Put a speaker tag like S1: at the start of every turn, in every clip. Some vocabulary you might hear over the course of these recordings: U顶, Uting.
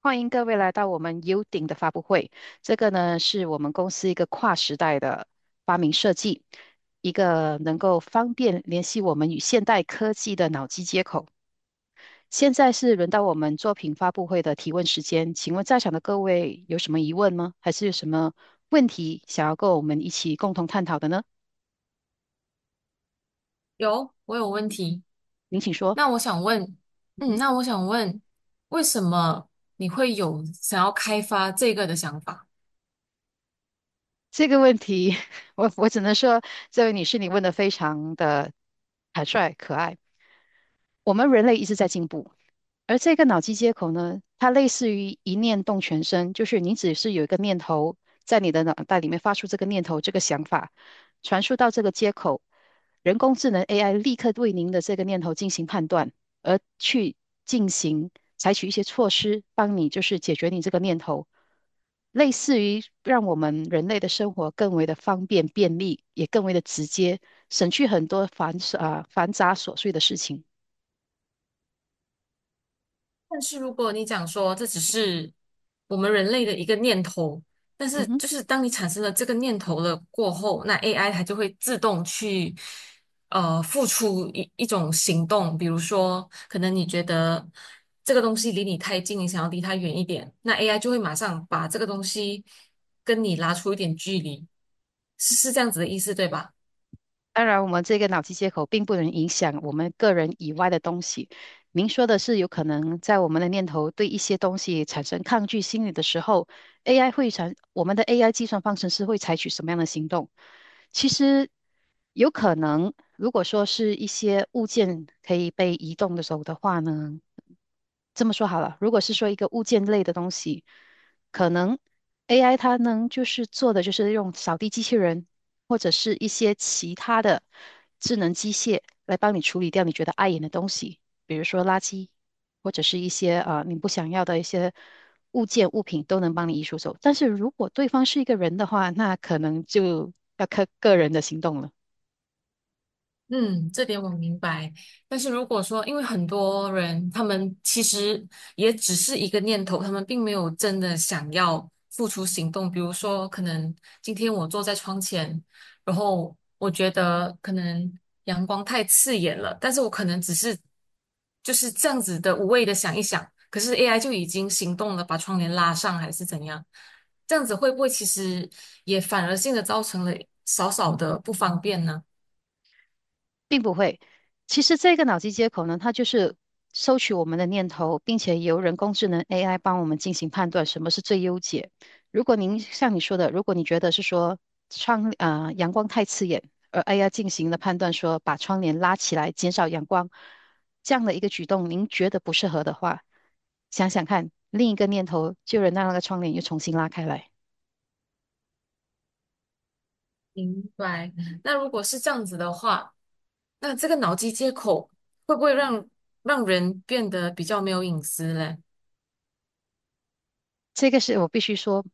S1: 欢迎各位来到我们 U 顶的发布会。这个呢，是我们公司一个跨时代的发明设计，一个能够方便联系我们与现代科技的脑机接口。现在是轮到我们作品发布会的提问时间，请问在场的各位有什么疑问吗？还是有什么问题想要跟我们一起共同探讨的呢？
S2: 有，我有问题。
S1: 您请说。
S2: 那我想问，嗯，
S1: 嗯，
S2: 那我想问，为什么你会有想要开发这个的想法？
S1: 这个问题，我只能说，这位女士，你问的非常的坦率可爱。我们人类一直在进步，而这个脑机接口呢，它类似于一念动全身，就是你只是有一个念头在你的脑袋里面发出这个念头、这个想法，传输到这个接口，人工智能 AI 立刻对您的这个念头进行判断，而去进行采取一些措施，帮你就是解决你这个念头，类似于让我们人类的生活更为的方便便利，也更为的直接，省去很多繁琐啊繁杂琐碎的事情。
S2: 但是如果你讲说这只是我们人类的一个念头，但
S1: 嗯
S2: 是
S1: 哼。
S2: 就是当你产生了这个念头了过后，那 AI 它就会自动去付出一种行动，比如说可能你觉得这个东西离你太近，你想要离它远一点，那 AI 就会马上把这个东西跟你拉出一点距离。是这样子的意思，对吧？
S1: 当然，我们这个脑机接口并不能影响我们个人以外的东西。您说的是，有可能在我们的念头对一些东西产生抗拒心理的时候，AI 会产，我们的 AI 计算方程式会采取什么样的行动？其实有可能，如果说是一些物件可以被移动的时候的话呢，这么说好了，如果是说一个物件类的东西，可能 AI 它能就是做的就是用扫地机器人。或者是一些其他的智能机械来帮你处理掉你觉得碍眼的东西，比如说垃圾，或者是一些啊、你不想要的一些物件物品都能帮你移除走。但是如果对方是一个人的话，那可能就要看个人的行动了。
S2: 嗯，这点我明白。但是如果说，因为很多人他们其实也只是一个念头，他们并没有真的想要付出行动。比如说，可能今天我坐在窗前，然后我觉得可能阳光太刺眼了，但是我可能只是就是这样子的无谓的想一想，可是 AI 就已经行动了，把窗帘拉上还是怎样？这样子会不会其实也反而性的造成了少少的不方便呢？
S1: 并不会。其实这个脑机接口呢，它就是收取我们的念头，并且由人工智能 AI 帮我们进行判断什么是最优解。如果您像你说的，如果你觉得是说窗啊、阳光太刺眼，而 AI 进行了判断说把窗帘拉起来减少阳光这样的一个举动，您觉得不适合的话，想想看，另一个念头就能让那个窗帘又重新拉开来。
S2: 明白。那如果是这样子的话，那这个脑机接口会不会让人变得比较没有隐私嘞？
S1: 这个是我必须说，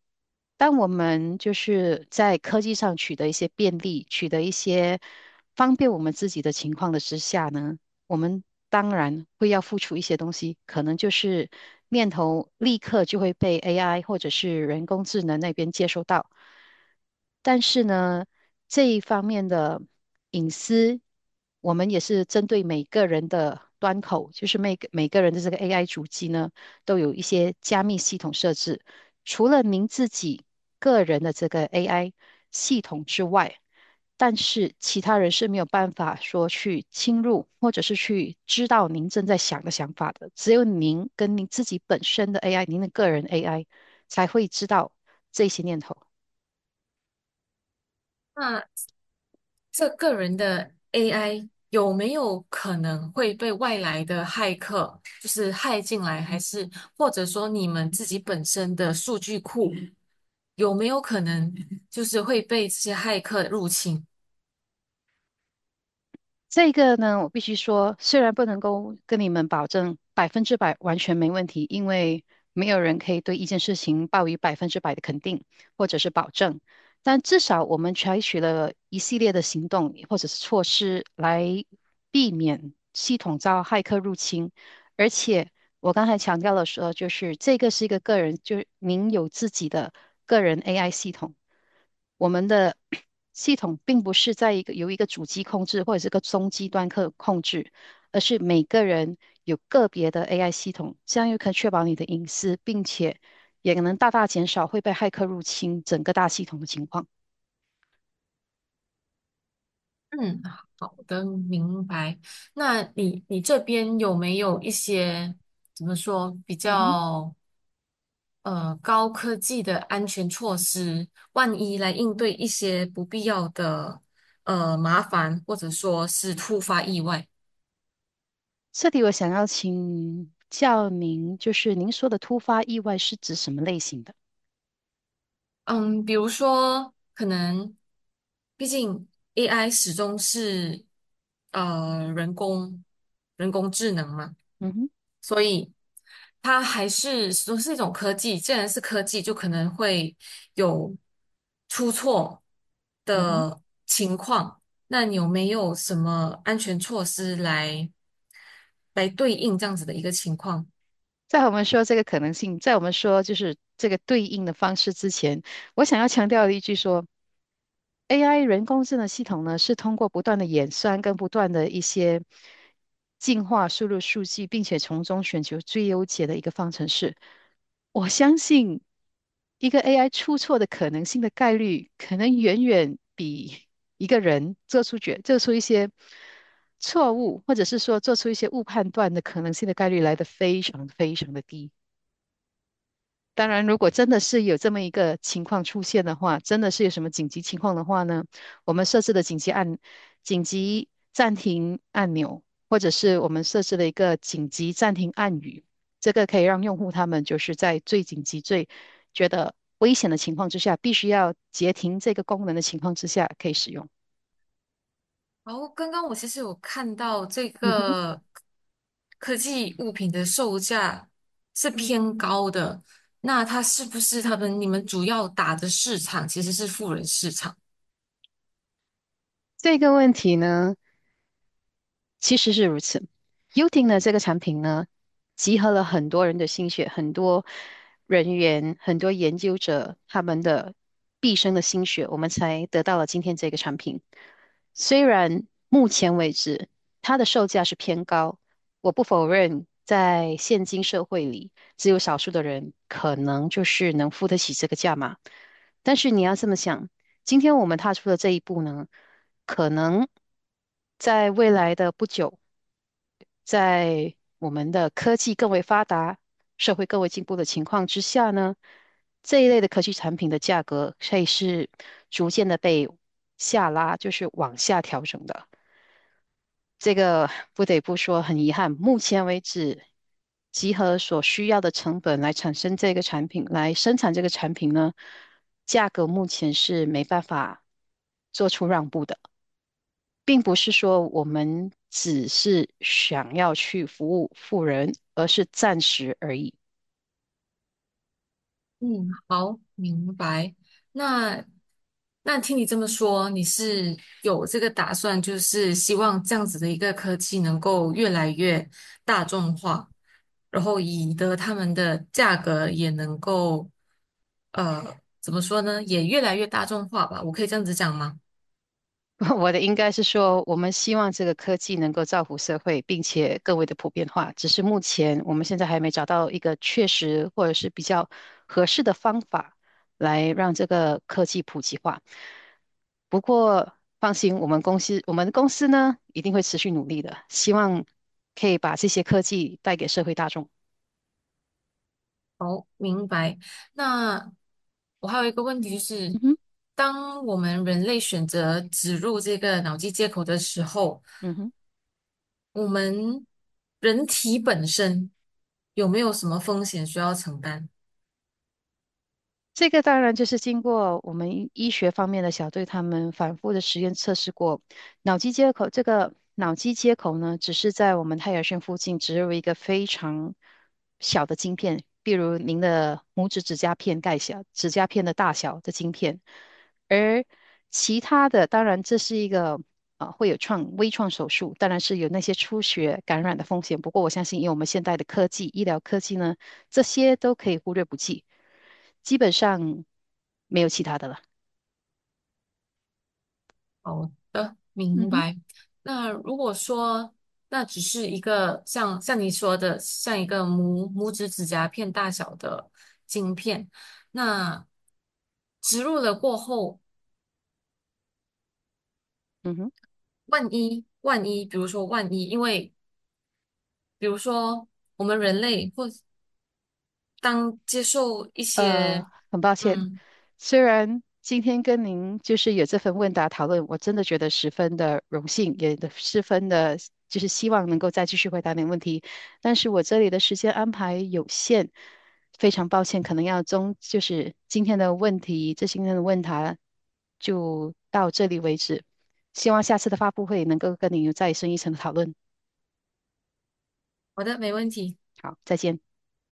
S1: 当我们就是在科技上取得一些便利，取得一些方便我们自己的情况的之下呢，我们当然会要付出一些东西，可能就是念头立刻就会被 AI 或者是人工智能那边接收到。但是呢，这一方面的隐私，我们也是针对每个人的端口，就是每个人的这个 AI 主机呢。都有一些加密系统设置。除了您自己个人的这个 AI 系统之外，但是其他人是没有办法说去侵入，或者是去知道您正在想的想法的。只有您跟您自己本身的 AI，您的个人 AI 才会知道这些念头。
S2: 那这个人的 AI 有没有可能会被外来的骇客就是骇进来，还是或者说你们自己本身的数据库有没有可能就是会被这些骇客入侵？
S1: 这个呢，我必须说，虽然不能够跟你们保证百分之百完全没问题，因为没有人可以对一件事情抱以百分之百的肯定或者是保证，但至少我们采取了一系列的行动或者是措施来避免系统遭骇客入侵。而且我刚才强调了说，就是这个是一个个人，就是您有自己的个人 AI 系统。我们的 系统并不是在一个由一个主机控制或者是个中低端客控制，而是每个人有个别的 AI 系统，这样又可以确保你的隐私，并且也能大大减少会被骇客入侵整个大系统的情况。
S2: 嗯，好的，明白。那你这边有没有一些怎么说比
S1: 嗯哼，
S2: 较高科技的安全措施，万一来应对一些不必要的麻烦，或者说是突发意外？
S1: 这里我想要请教您，就是您说的突发意外是指什么类型的？
S2: 嗯，比如说可能，毕竟 AI 始终是呃人工人工智能嘛。
S1: 嗯哼，
S2: 所以它还是说是一种科技，既然是科技，就可能会有出错
S1: 嗯哼。
S2: 的情况。那你有没有什么安全措施来对应这样子的一个情况？
S1: 在我们说这个可能性，在我们说就是这个对应的方式之前，我想要强调的一句说，AI 人工智能系统呢是通过不断的演算跟不断的一些进化输入数据，并且从中寻求最优解的一个方程式。我相信一个 AI 出错的可能性的概率，可能远远比一个人做出做出一些错误，或者是说做出一些误判断的可能性的概率来得非常非常的低。当然，如果真的是有这么一个情况出现的话，真的是有什么紧急情况的话呢，我们设置的紧急暂停按钮，或者是我们设置了一个紧急暂停按语，这个可以让用户他们就是在最紧急、最觉得危险的情况之下，必须要截停这个功能的情况之下可以使用。
S2: 然后刚刚我其实有看到这
S1: 嗯哼，
S2: 个科技物品的售价是偏高的，那它是不是他们你们主要打的市场其实是富人市场？
S1: 这个问题呢，其实是如此。Uting 呢，这个产品呢，集合了很多人的心血，很多人员，很多研究者他们的毕生的心血，我们才得到了今天这个产品。虽然目前为止它的售价是偏高，我不否认，在现今社会里，只有少数的人可能就是能付得起这个价码。但是你要这么想，今天我们踏出的这一步呢？可能在未来的不久，在我们的科技更为发达、社会更为进步的情况之下呢，这一类的科技产品的价格会是逐渐的被下拉，就是往下调整的。这个不得不说很遗憾，目前为止，集合所需要的成本来产生这个产品，来生产这个产品呢，价格目前是没办法做出让步的。并不是说我们只是想要去服务富人，而是暂时而已。
S2: 嗯，好，明白。那听你这么说，你是有这个打算，就是希望这样子的一个科技能够越来越大众化，然后以得他们的价格也能够，呃，怎么说呢，也越来越大众化吧？我可以这样子讲吗？
S1: 我的应该是说，我们希望这个科技能够造福社会，并且更为的普遍化。只是目前我们现在还没找到一个确实或者是比较合适的方法来让这个科技普及化。不过放心，我们公司呢一定会持续努力的，希望可以把这些科技带给社会大众。
S2: 好，明白。那我还有一个问题就是，
S1: 嗯哼，
S2: 当我们人类选择植入这个脑机接口的时候，
S1: 嗯哼。
S2: 我们人体本身有没有什么风险需要承担？
S1: 这个当然就是经过我们医学方面的小队他们反复的实验测试过，脑机接口这个脑机接口呢，只是在我们太阳穴附近植入一个非常小的晶片，比如您的拇指指甲片盖小，指甲片的大小的晶片，而其他的当然这是一个。啊，会有微创手术，当然是有那些出血感染的风险。不过我相信，以我们现代的科技、医疗科技呢，这些都可以忽略不计。基本上没有其他的了。
S2: 好的，
S1: 嗯
S2: 明
S1: 哼，
S2: 白。那如果说那只是一个像你说的，像一个拇指指甲片大小的晶片，那植入了过后，
S1: 嗯哼，
S2: 万一，因为比如说我们人类或当接受一
S1: 呃，
S2: 些，
S1: 很抱歉，
S2: 嗯，
S1: 虽然今天跟您就是有这份问答讨论，我真的觉得十分的荣幸，也的十分的，就是希望能够再继续回答您问题，但是我这里的时间安排有限，非常抱歉，可能要中，就是今天的问题，今天的问答就到这里为止，希望下次的发布会能够跟您有再深一层的讨论。
S2: 好的，没问题。
S1: 好，再见。